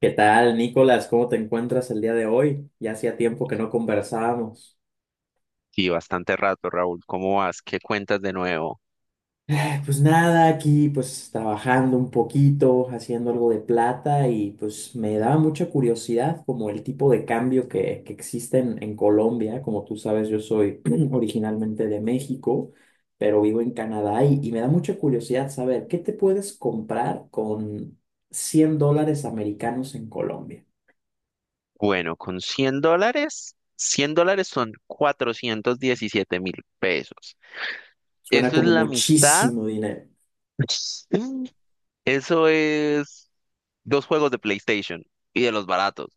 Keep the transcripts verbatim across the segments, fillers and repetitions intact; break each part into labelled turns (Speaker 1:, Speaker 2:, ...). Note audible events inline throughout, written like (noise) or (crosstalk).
Speaker 1: ¿Qué tal, Nicolás? ¿Cómo te encuentras el día de hoy? Ya hacía tiempo que no conversábamos.
Speaker 2: Sí, bastante rato, Raúl. ¿Cómo vas? ¿Qué cuentas de nuevo?
Speaker 1: Eh, Pues nada, aquí pues trabajando un poquito, haciendo algo de plata y pues me daba mucha curiosidad como el tipo de cambio que, que existe en, en Colombia. Como tú sabes, yo soy (clears throat) originalmente de México, pero vivo en Canadá y, y me da mucha curiosidad saber qué te puedes comprar con cien dólares americanos en Colombia.
Speaker 2: Bueno, con cien dólares, cien dólares son cuatrocientos diecisiete mil pesos.
Speaker 1: Suena
Speaker 2: Eso es
Speaker 1: como
Speaker 2: la mitad.
Speaker 1: muchísimo dinero.
Speaker 2: (laughs) Eso es dos juegos de PlayStation y de los baratos.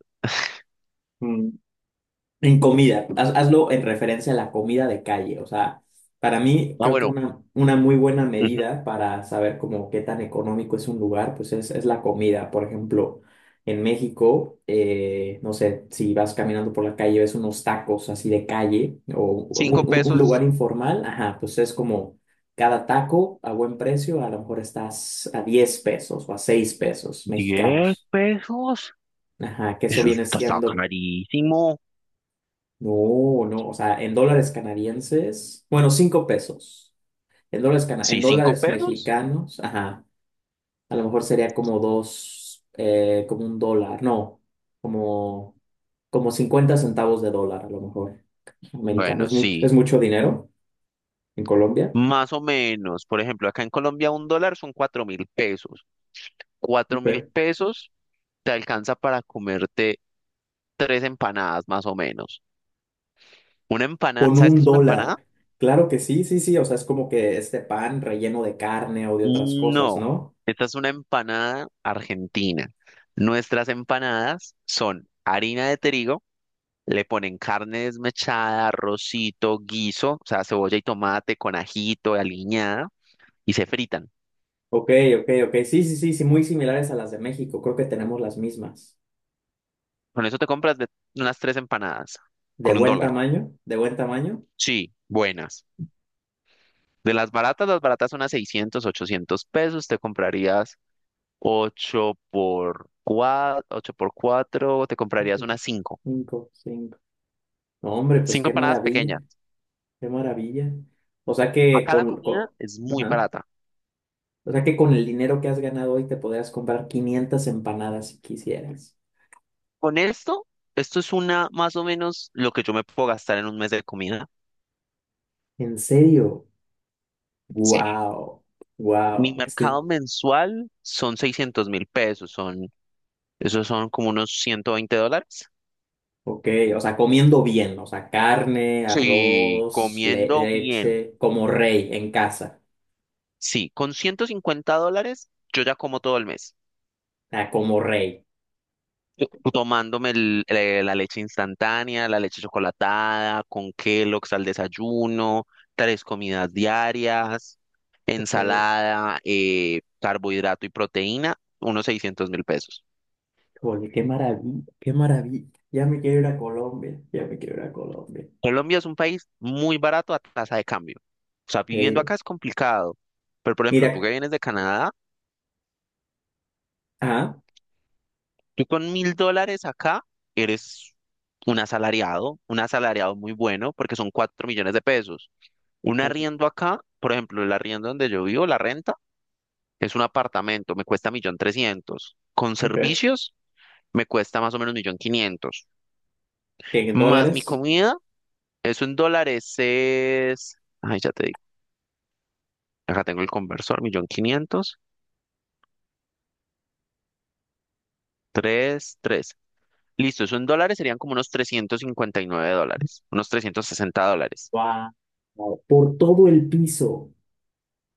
Speaker 1: En comida, haz- hazlo en referencia a la comida de calle. O sea, para mí
Speaker 2: Ah,
Speaker 1: creo que
Speaker 2: bueno,
Speaker 1: una, una muy buena
Speaker 2: ujú,
Speaker 1: medida para saber como qué tan económico es un lugar, pues es, es la comida. Por ejemplo, en México, eh, no sé, si vas caminando por la calle, ves unos tacos así de calle o un,
Speaker 2: cinco
Speaker 1: un- un lugar
Speaker 2: pesos.
Speaker 1: informal, ajá, pues es como cada taco a buen precio, a lo mejor estás a diez pesos o a seis pesos
Speaker 2: ¿Diez
Speaker 1: mexicanos.
Speaker 2: pesos?
Speaker 1: Ajá, que eso
Speaker 2: Eso
Speaker 1: viene
Speaker 2: está está
Speaker 1: siendo
Speaker 2: carísimo.
Speaker 1: no, no, o sea, en dólares canadienses, bueno, cinco pesos. En dólares, cana- en
Speaker 2: Sí, cinco
Speaker 1: dólares
Speaker 2: pesos.
Speaker 1: mexicanos, ajá, a lo mejor sería como dos, eh, como un dólar, no, como, como cincuenta centavos de dólar, a lo mejor, americano.
Speaker 2: Bueno,
Speaker 1: Es mucho,
Speaker 2: sí,
Speaker 1: es mucho dinero en Colombia.
Speaker 2: más o menos. Por ejemplo, acá en Colombia un dólar son cuatro mil pesos. cuatro mil
Speaker 1: Ok.
Speaker 2: pesos te alcanza para comerte tres empanadas más o menos. Una empanada,
Speaker 1: Con
Speaker 2: ¿sabes qué
Speaker 1: un
Speaker 2: es una
Speaker 1: dólar.
Speaker 2: empanada?
Speaker 1: Claro que sí, sí, sí. O sea, es como que este pan relleno de carne o de otras cosas,
Speaker 2: No,
Speaker 1: ¿no?
Speaker 2: esta es una empanada argentina. Nuestras empanadas son harina de trigo, le ponen carne desmechada, arrocito, guiso, o sea, cebolla y tomate con ajito, aliñada, y se fritan.
Speaker 1: Ok, ok, ok. Sí, sí, sí, sí, muy similares a las de México. Creo que tenemos las mismas.
Speaker 2: Con eso te compras de- unas tres empanadas,
Speaker 1: De
Speaker 2: con un
Speaker 1: buen
Speaker 2: dólar.
Speaker 1: tamaño, de buen tamaño.
Speaker 2: Sí, buenas. De las baratas, las baratas son a seiscientos, ochocientos pesos, te comprarías ocho por cuatro ocho por cuatro te comprarías unas cinco
Speaker 1: Cinco, cinco. No, hombre, pues
Speaker 2: cinco
Speaker 1: qué
Speaker 2: empanadas pequeñas.
Speaker 1: maravilla, qué maravilla. O sea que
Speaker 2: Acá la
Speaker 1: con,
Speaker 2: comida
Speaker 1: con-
Speaker 2: es muy
Speaker 1: ajá.
Speaker 2: barata.
Speaker 1: O sea que con el dinero que has ganado hoy te podrías comprar quinientas empanadas si quisieras.
Speaker 2: Con esto, Esto es una más o menos lo que yo me puedo gastar en un mes de comida.
Speaker 1: ¿En serio?
Speaker 2: Sí.
Speaker 1: Wow,
Speaker 2: Mi
Speaker 1: wow. Este,
Speaker 2: mercado mensual son seiscientos mil pesos, son, esos son como unos ciento veinte dólares.
Speaker 1: ok, o sea, comiendo bien, o sea, carne,
Speaker 2: Sí,
Speaker 1: arroz, le-
Speaker 2: comiendo bien.
Speaker 1: leche, como rey en casa.
Speaker 2: Sí, con ciento cincuenta dólares yo ya como todo el mes.
Speaker 1: Ah, como rey.
Speaker 2: Yo Tomándome el- eh, la leche instantánea, la leche chocolatada, con Kellogg's al desayuno, tres comidas diarias,
Speaker 1: Ok.
Speaker 2: ensalada, eh, carbohidrato y proteína, unos seiscientos mil pesos.
Speaker 1: Oye, qué maravilla, qué maravilla. Ya me quiero ir a Colombia, ya me quiero ir a Colombia.
Speaker 2: Colombia es un país muy barato a tasa de cambio. O sea, viviendo
Speaker 1: Eh,
Speaker 2: acá es complicado. Pero, por ejemplo, tú
Speaker 1: mira,
Speaker 2: que vienes de Canadá,
Speaker 1: ah,
Speaker 2: tú con mil dólares acá eres un asalariado, un asalariado muy bueno, porque son cuatro millones de pesos. Un arriendo acá, por ejemplo, el arriendo donde yo vivo, la renta, es un apartamento, me cuesta un millón trescientos. Con
Speaker 1: ok.
Speaker 2: servicios, me cuesta más o menos millón quinientos.
Speaker 1: En
Speaker 2: Más mi
Speaker 1: dólares,
Speaker 2: comida, eso en dólares es... Ay, ya te digo, acá tengo el conversor, millón quinientos, tres, tres. Listo, eso en dólares serían como unos trescientos cincuenta y nueve dólares, unos trescientos sesenta dólares
Speaker 1: wow. Por todo el piso.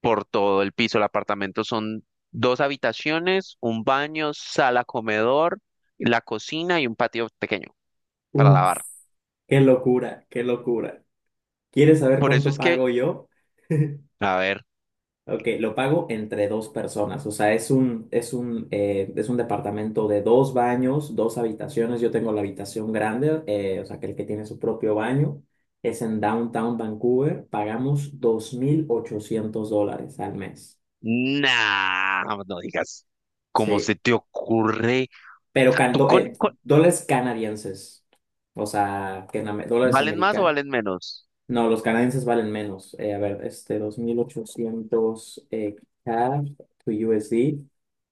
Speaker 2: por todo el piso. El apartamento son dos habitaciones, un baño, sala, comedor, la cocina y un patio pequeño para
Speaker 1: Uf,
Speaker 2: lavar.
Speaker 1: qué locura, qué locura. ¿Quieres saber
Speaker 2: Por eso
Speaker 1: cuánto
Speaker 2: es que,
Speaker 1: pago yo?
Speaker 2: a ver,
Speaker 1: Ok, lo pago entre dos personas, o sea, es un, es un, eh, es un departamento de dos baños, dos habitaciones, yo tengo la habitación grande, eh, o sea, que el que tiene su propio baño, es en Downtown Vancouver, pagamos dos mil ochocientos dólares al mes,
Speaker 2: nah, no no digas, ¿cómo se
Speaker 1: sí,
Speaker 2: te ocurre?
Speaker 1: pero can-
Speaker 2: ¿Tú
Speaker 1: do-
Speaker 2: con,
Speaker 1: eh,
Speaker 2: con-
Speaker 1: dólares canadienses, o sea, que en am- dólares
Speaker 2: valen más o
Speaker 1: americanos.
Speaker 2: valen menos?
Speaker 1: No, los canadienses valen menos. Eh, a ver, este dos mil ochocientos eh, C A D to U S D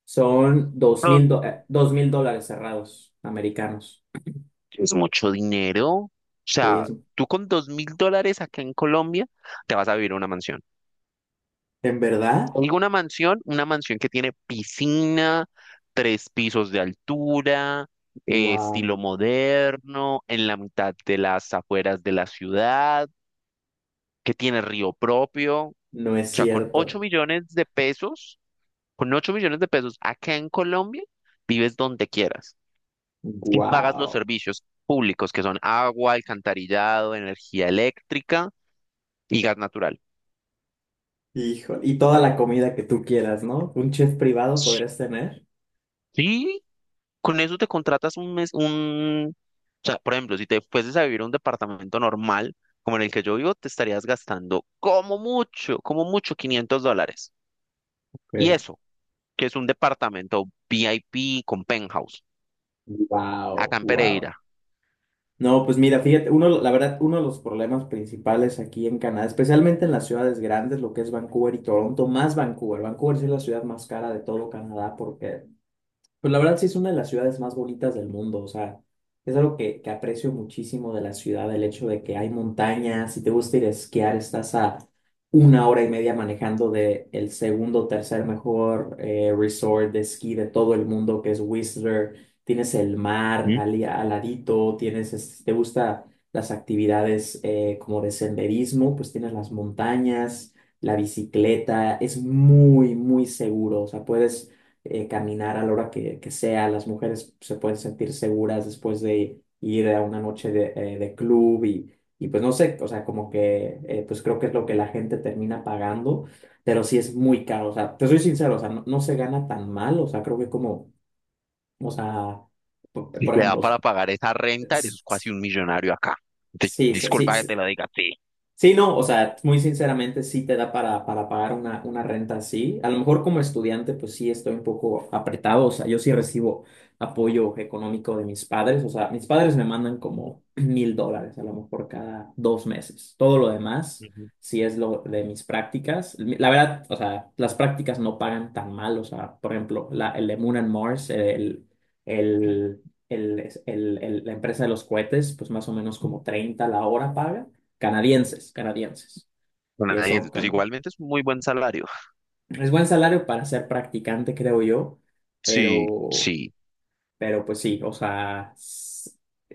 Speaker 1: son dos mil
Speaker 2: Son-
Speaker 1: do- eh, dos mil dólares cerrados americanos.
Speaker 2: es mucho dinero. O
Speaker 1: Sí,
Speaker 2: sea,
Speaker 1: es-
Speaker 2: tú con dos mil dólares acá en Colombia te vas a vivir a una mansión.
Speaker 1: ¿en verdad?
Speaker 2: Digo una mansión, una mansión que tiene piscina, tres pisos de altura, eh,
Speaker 1: Wow.
Speaker 2: estilo moderno, en la mitad de las afueras de la ciudad, que tiene río propio. O
Speaker 1: No es
Speaker 2: sea, con ocho
Speaker 1: cierto.
Speaker 2: millones de pesos, con ocho millones de pesos acá en Colombia, vives donde quieras y pagas los
Speaker 1: Wow.
Speaker 2: servicios públicos que son agua, alcantarillado, energía eléctrica y gas natural.
Speaker 1: Hijo, y toda la comida que tú quieras, ¿no? Un chef privado podrías tener.
Speaker 2: Sí, con eso te contratas un mes, un... O sea, por ejemplo, si te fueses a vivir a un departamento normal, como en el que yo vivo, te estarías gastando como mucho, como mucho quinientos dólares. Y
Speaker 1: Ok.
Speaker 2: eso, que es un departamento V I P con penthouse,
Speaker 1: Wow,
Speaker 2: acá en Pereira.
Speaker 1: wow. No, pues mira, fíjate, uno, la verdad, uno de los problemas principales aquí en Canadá, especialmente en las ciudades grandes, lo que es Vancouver y Toronto, más Vancouver. Vancouver sí es la ciudad más cara de todo Canadá porque pues la verdad sí es una de las ciudades más bonitas del mundo, o sea, es algo que, que aprecio muchísimo de la ciudad, el hecho de que hay montañas, si te gusta ir a esquiar, estás a una hora y media manejando de el segundo o tercer mejor eh, resort de esquí de todo el mundo, que es Whistler, tienes el mar ali- al, ladito, tienes, es- si te gusta las actividades eh, como de senderismo, pues tienes las montañas, la bicicleta, es muy, muy seguro, o sea, puedes eh, caminar a la hora que, que sea. Las mujeres se pueden sentir seguras después de ir a una noche de, eh, de club y, y pues no sé, o sea, como que eh, pues creo que es lo que la gente termina pagando, pero sí es muy caro. O sea, te soy sincero, o sea, no, no se gana tan mal, o sea, creo que como, o sea, por,
Speaker 2: Y
Speaker 1: por
Speaker 2: te da
Speaker 1: ejemplo, s-
Speaker 2: para pagar esa renta,
Speaker 1: s-
Speaker 2: eres casi un millonario acá. Te-
Speaker 1: sí, so- sí,
Speaker 2: disculpa que te
Speaker 1: sí.
Speaker 2: lo diga, sí.
Speaker 1: Sí, no, o sea, muy sinceramente sí te da para, para pagar una, una renta así. A lo mejor como estudiante, pues sí estoy un poco apretado, o sea, yo sí recibo apoyo económico de mis padres, o sea, mis padres me mandan
Speaker 2: Ujú,
Speaker 1: como (clears throat) mil dólares a lo mejor cada dos meses. Todo lo demás,
Speaker 2: ujú.
Speaker 1: sí es lo de mis prácticas. Mi- La verdad, o sea, las prácticas no pagan tan mal, o sea, por ejemplo, la, el de Moon and Mars, el, el, el, el- el- la empresa de los cohetes, pues más o menos como treinta la hora paga canadienses, canadienses, que son
Speaker 2: Canadienses, pues
Speaker 1: con...
Speaker 2: igualmente es un muy buen salario.
Speaker 1: pues, es buen salario para ser practicante, creo yo,
Speaker 2: Sí,
Speaker 1: pero,
Speaker 2: sí.
Speaker 1: pero pues sí, o sea, s-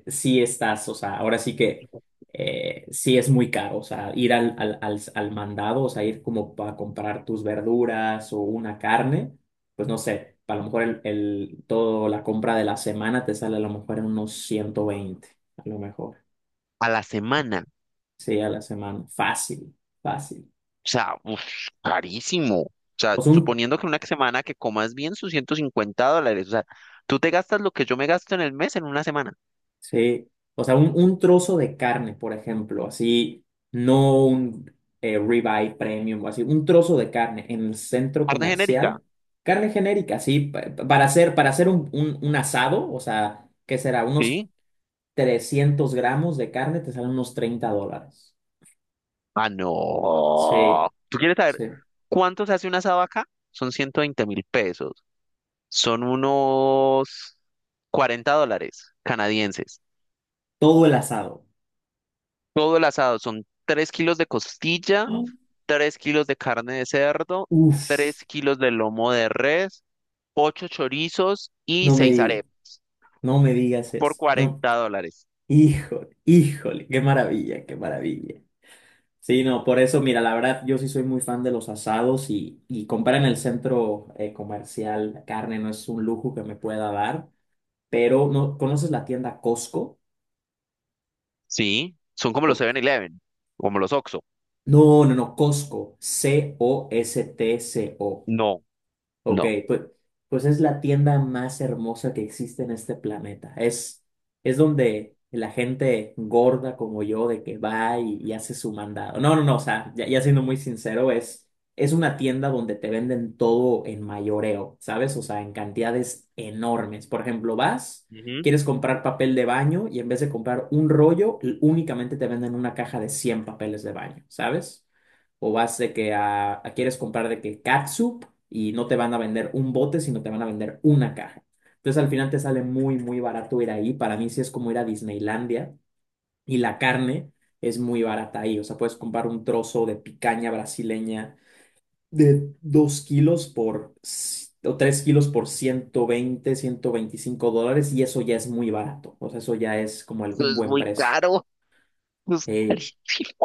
Speaker 1: sí estás, o sea, ahora sí que eh, sí es muy caro, o sea, ir al, al, al, al mandado, o sea, ir como para comprar tus verduras o una carne, pues no sé, a lo mejor el, el, toda la compra de la semana te sale a lo mejor en unos ciento veinte a lo mejor,
Speaker 2: A la semana.
Speaker 1: sí, a la semana, fácil, fácil.
Speaker 2: O sea, uf, carísimo. O sea,
Speaker 1: O sea, un
Speaker 2: suponiendo que una semana que comas bien sus ciento cincuenta dólares. O sea, tú te gastas lo que yo me gasto en el mes en una semana.
Speaker 1: sí, o sea, un, un trozo de carne, por ejemplo, así, no un eh, ribeye premium o así, un trozo de carne en el centro
Speaker 2: Carne genérica.
Speaker 1: comercial, carne genérica, así, pa- para hacer, para hacer un, un- un asado, o sea, ¿qué será? Unos
Speaker 2: ¿Sí?
Speaker 1: trescientos gramos de carne te salen unos treinta dólares.
Speaker 2: Ah, no.
Speaker 1: Sí,
Speaker 2: ¿Tú quieres saber
Speaker 1: sí,
Speaker 2: cuánto se hace un asado acá? Son ciento veinte mil pesos. Son unos cuarenta dólares canadienses.
Speaker 1: todo el asado.
Speaker 2: Todo el asado son tres kilos de costilla,
Speaker 1: Ah.
Speaker 2: tres kilos de carne de cerdo,
Speaker 1: Uf,
Speaker 2: tres kilos de lomo de res, ocho chorizos y
Speaker 1: no me
Speaker 2: seis
Speaker 1: digas,
Speaker 2: arepas
Speaker 1: no me digas
Speaker 2: por
Speaker 1: eso, no.
Speaker 2: cuarenta dólares.
Speaker 1: Híjole, híjole, qué maravilla, qué maravilla. Sí, no, por eso, mira, la verdad, yo sí soy muy fan de los asados y, y comprar en el centro eh, comercial carne no es un lujo que me pueda dar, pero ¿no conoces la tienda Costco?
Speaker 2: Sí, son como los
Speaker 1: O-
Speaker 2: Seven eleven como los Oxxo.
Speaker 1: No, no, no, Costco, C O S T C O.
Speaker 2: No,
Speaker 1: Ok,
Speaker 2: no.
Speaker 1: pues, pues es la tienda más hermosa que existe en este planeta. Es, es donde la gente gorda como yo de que va y, y hace su mandado. No, no, no, o sea, ya, ya siendo muy sincero, es, es una tienda donde te venden todo en mayoreo, ¿sabes? O sea, en cantidades enormes. Por ejemplo, vas,
Speaker 2: Ujú.
Speaker 1: quieres comprar papel de baño y en vez de comprar un rollo, l- únicamente te venden una caja de cien papeles de baño, ¿sabes? O vas de que a, a- quieres comprar de que catsup y no te van a vender un bote, sino te van a vender una caja. Entonces al final te sale muy, muy barato ir ahí. Para mí sí es como ir a Disneylandia y la carne es muy barata ahí. O sea, puedes comprar un trozo de picaña brasileña de dos kilos por, c- o tres kilos por ciento veinte ciento veinticinco dólares y eso ya es muy barato. O sea, eso ya es como el-
Speaker 2: Eso
Speaker 1: un
Speaker 2: es
Speaker 1: buen
Speaker 2: muy
Speaker 1: precio.
Speaker 2: caro. Pues,
Speaker 1: Eh,
Speaker 2: (laughs)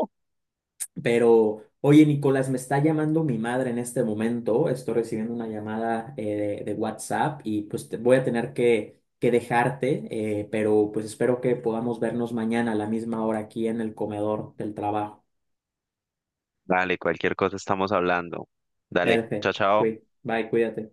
Speaker 1: Pero, oye, Nicolás, me está llamando mi madre en este momento. Estoy recibiendo una llamada eh, de, de WhatsApp y pues te- voy a tener que, que dejarte, eh, pero pues espero que podamos vernos mañana a la misma hora aquí en el comedor del trabajo.
Speaker 2: Dale, cualquier cosa estamos hablando. Dale,
Speaker 1: Perfecto.
Speaker 2: chao, chao.
Speaker 1: Cuí- Bye, cuídate.